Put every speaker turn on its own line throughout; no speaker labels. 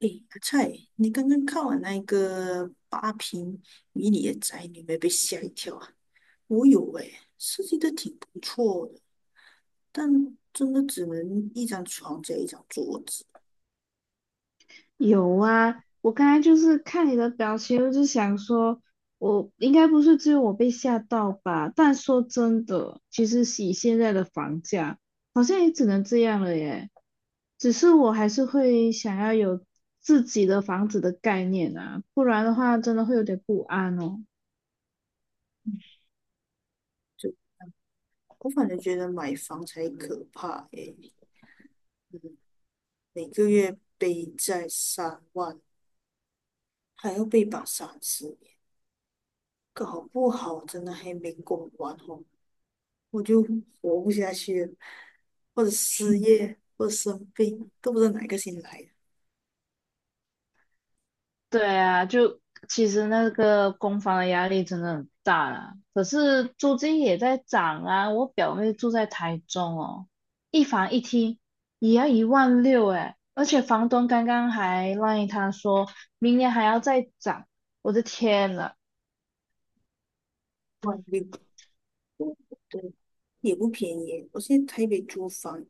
诶，阿菜，你刚刚看完那个八平迷你的宅女，有没有被吓一跳啊？我有诶，设计的挺不错的，但真的只能一张床加一张桌子。
有啊，我刚才就是看你的表情，我就想说，我应该不是只有我被吓到吧？但说真的，其实以现在的房价，好像也只能这样了耶。只是我还是会想要有自己的房子的概念啊，不然的话真的会有点不安哦。
就我反正觉得买房才可怕诶，嗯，每个月背债3万，还要被绑30年，搞不好真的还没供完哦，我就活不下去了，或者失业，或者生病，都不知道哪个先来。
对啊，就其实那个公房的压力真的很大啦。可是租金也在涨啊，我表妹住在台中哦，一房一厅也要1.6万诶，而且房东刚刚还赖她说明年还要再涨，我的天呐！
万六多，对，也不便宜。我现在台北租房，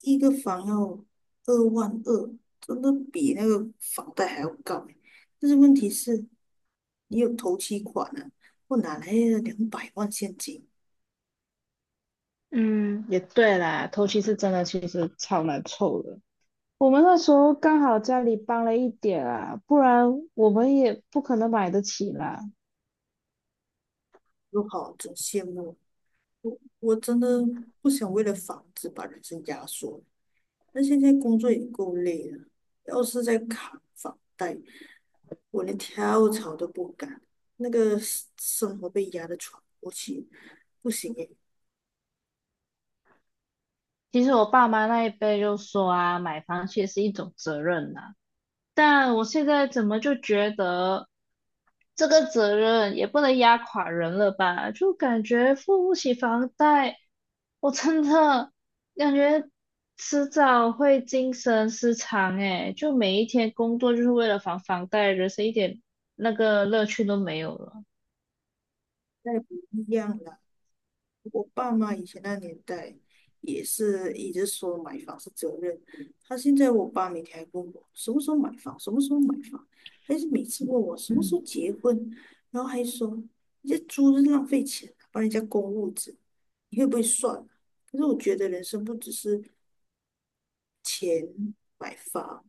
一个房要2万2，真的比那个房贷还要高欸。但是问题是，你有头期款啊，我哪来的200万现金？
嗯，也对啦，头期是真的，其实超难凑的。我们那时候刚好家里帮了一点啊，不然我们也不可能买得起啦。
我好，真羡慕。我真的不想为了房子把人生压缩。那现在工作也够累了，要是再扛房贷，我连跳槽都不敢，那个生活被压得喘不过气，不行诶，
其实我爸妈那一辈就说啊，买房其实是一种责任呐，但我现在怎么就觉得这个责任也不能压垮人了吧？就感觉付不起房贷，我真的感觉迟早会精神失常诶，就每一天工作就是为了还房贷，人生一点那个乐趣都没有了。
那不一样啦。我爸妈以前那年代也是一直说买房是责任，他现在我爸每天还问我什么时候买房，什么时候买房，还是每次问我什么时
嗯
候结婚，然后还说你这租是浪费钱啊，帮人家供物质，你会不会算啊可是我觉得人生不只是钱买房。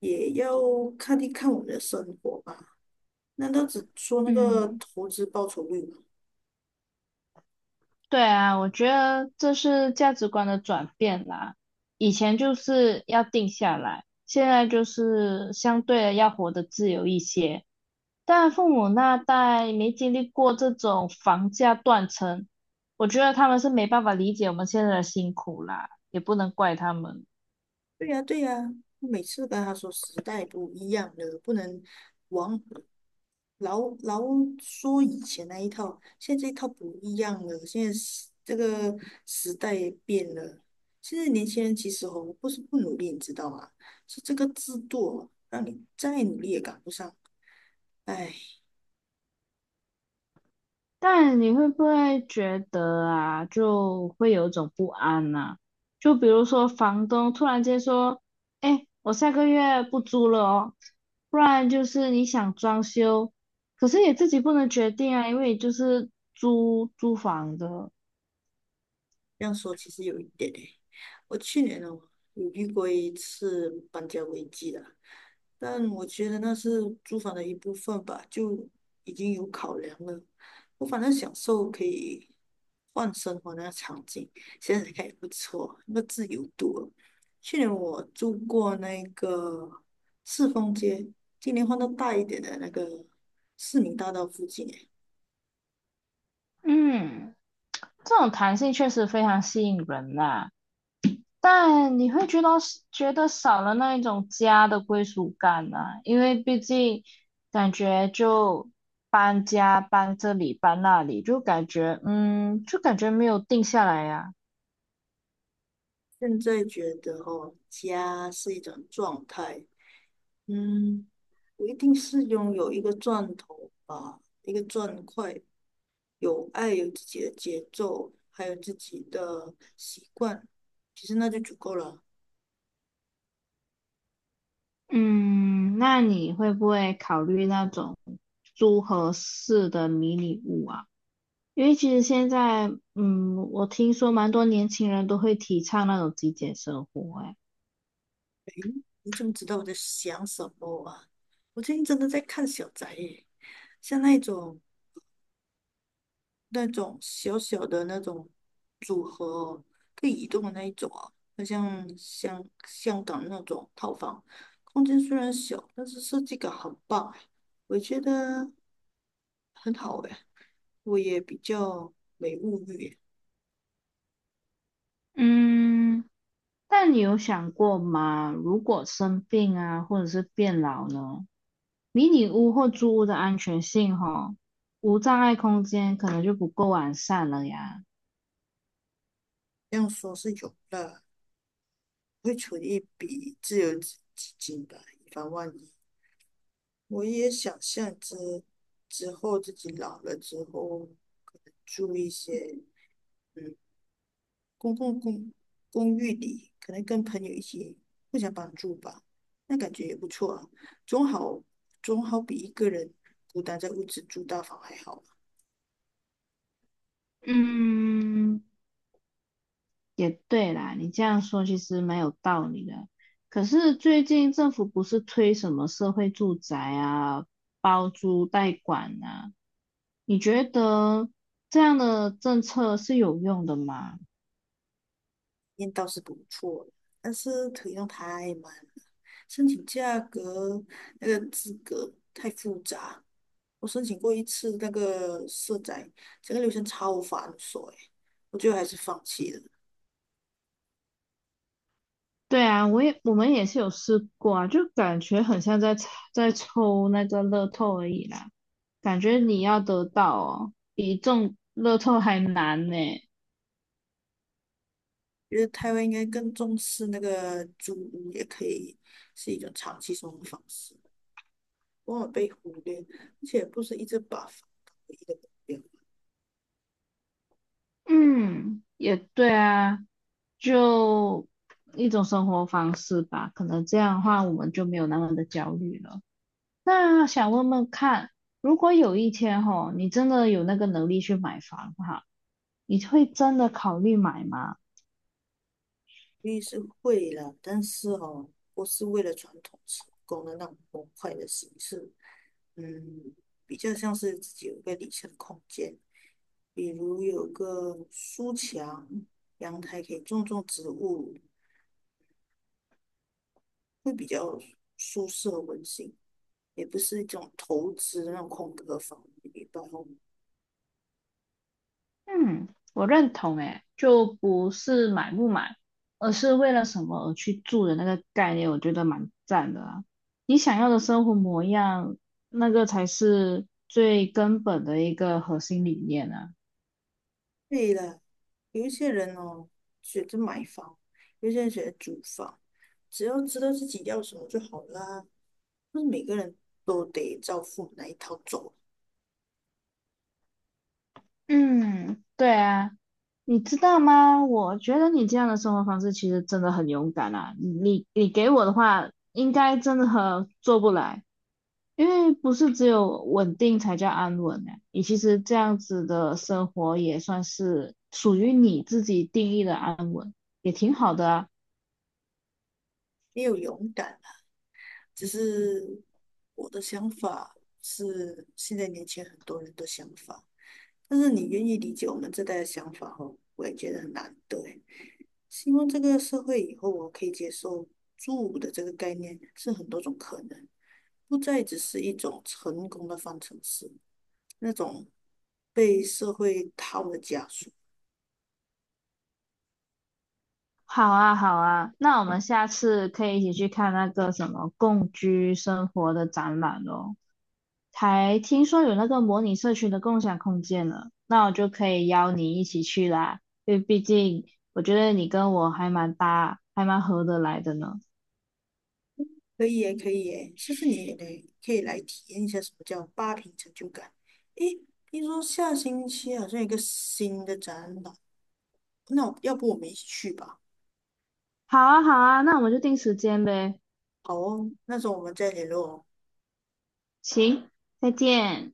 也要看一看我们的生活吧。难道只说那个
嗯，
投资报酬率吗？
对啊，我觉得这是价值观的转变啦。以前就是要定下来，现在就是相对的要活得自由一些。但父母那代没经历过这种房价断层，我觉得他们是没办法理解我们现在的辛苦啦，也不能怪他们。
对呀，对呀，我每次跟他说时代不一样了，不能往老说以前那一套，现在这一套不一样了，现在这个时代也变了。现在年轻人其实哦，不是不努力，你知道吗？是这个制度哦让你再努力也赶不上。哎。
但你会不会觉得啊，就会有一种不安呐，就比如说房东突然间说：“哎，我下个月不租了哦。”不然就是你想装修，可是也自己不能决定啊，因为你就是租房的。
这样说其实有一点诶，我去年呢有遇过一次搬家危机的，但我觉得那是租房的一部分吧，就已经有考量了。我反正享受可以换生活那个场景，现在看也不错，那个自由度了去年我住过那个赤峰街，今年换到大一点的那个市民大道附近诶。
嗯，这种弹性确实非常吸引人呐，但你会觉得少了那一种家的归属感啊，因为毕竟感觉就搬家搬这里搬那里，就感觉嗯，就感觉没有定下来呀。
现在觉得哦，家是一种状态，嗯，我一定是拥有一个钻头吧，一个钻块，有爱，有自己的节奏，还有自己的习惯，其实那就足够了。
嗯，那你会不会考虑那种租合适的迷你屋啊？因为其实现在嗯，我听说蛮多年轻人都会提倡那种极简生活，哎。
你怎么知道我在想什么啊？我最近真的在看小宅耶，像那种那种小小的那种组合哦可以移动的那一种啊，好像香港那种套房，空间虽然小，但是设计感很棒哎。我觉得很好诶，我也比较没物欲耶
嗯，但你有想过吗？如果生病啊，或者是变老呢？迷你屋或租屋的安全性吼，无障碍空间可能就不够完善了呀。
这样说是有啦，会存一笔自由基金吧，以防万一。我也想象着之后自己老了之后，可能住一些嗯公共公公寓里，可能跟朋友一起互相帮助吧，那感觉也不错啊，总好总好比一个人孤单在屋子住大房还好。
嗯，也对啦，你这样说其实蛮有道理的。可是最近政府不是推什么社会住宅啊，包租代管啊？你觉得这样的政策是有用的吗？
验倒是不错，但是可动用太慢了，申请价格那个资格太复杂。我申请过一次那个社宅，整个流程超繁琐诶，我最后还是放弃了。
对啊，我们也是有试过啊，就感觉很像在抽那个乐透而已啦，感觉你要得到哦，比中乐透还难呢。
觉得台湾应该更重视那个租屋，也可以是一种长期生活方式，往往被忽略，而且不是一直把房当唯一的目标。
嗯，也对啊，就一种生活方式吧，可能这样的话我们就没有那么的焦虑了。那想问问看，如果有一天吼，你真的有那个能力去买房哈，你会真的考虑买吗？
律是会了，但是哦，不是为了传统成功的那种模块的形式。嗯，比较像是自己有一个理想空间，比如有个书墙，阳台可以种种植物，会比较舒适和温馨，也不是一种投资的那种空壳房，一般哦。
嗯，我认同诶，就不是买不买，而是为了什么而去住的那个概念，我觉得蛮赞的啊。你想要的生活模样，那个才是最根本的一个核心理念呢。
对了，有一些人哦选择买房，有些人选择租房，只要知道自己要什么就好啦。不是每个人都得照父母那一套走，
嗯，对啊，你知道吗？我觉得你这样的生活方式其实真的很勇敢啊。你给我的话，应该真的很做不来。因为不是只有稳定才叫安稳呢，你其实这样子的生活也算是属于你自己定义的安稳，也挺好的啊。
也有勇敢。只是我的想法是现在年轻人很多人的想法，但是你愿意理解我们这代的想法哦，我也觉得很难对，希望这个社会以后我可以接受住的这个概念是很多种可能，不再只是一种成功的方程式，那种被社会套的枷锁。
好啊，好啊，那我们下次可以一起去看那个什么共居生活的展览哦。才听说有那个模拟社区的共享空间了，那我就可以邀你一起去啦，因为毕竟我觉得你跟我还蛮搭，还蛮合得来的呢。
可以耶，可以耶，下次你也来可以来体验一下什么叫八平成就感。诶，听说下星期好像有一个新的展览那我要不我们一起去吧？
好啊，好啊，那我们就定时间呗。
好哦，那时候我们再联络哦
行，再见。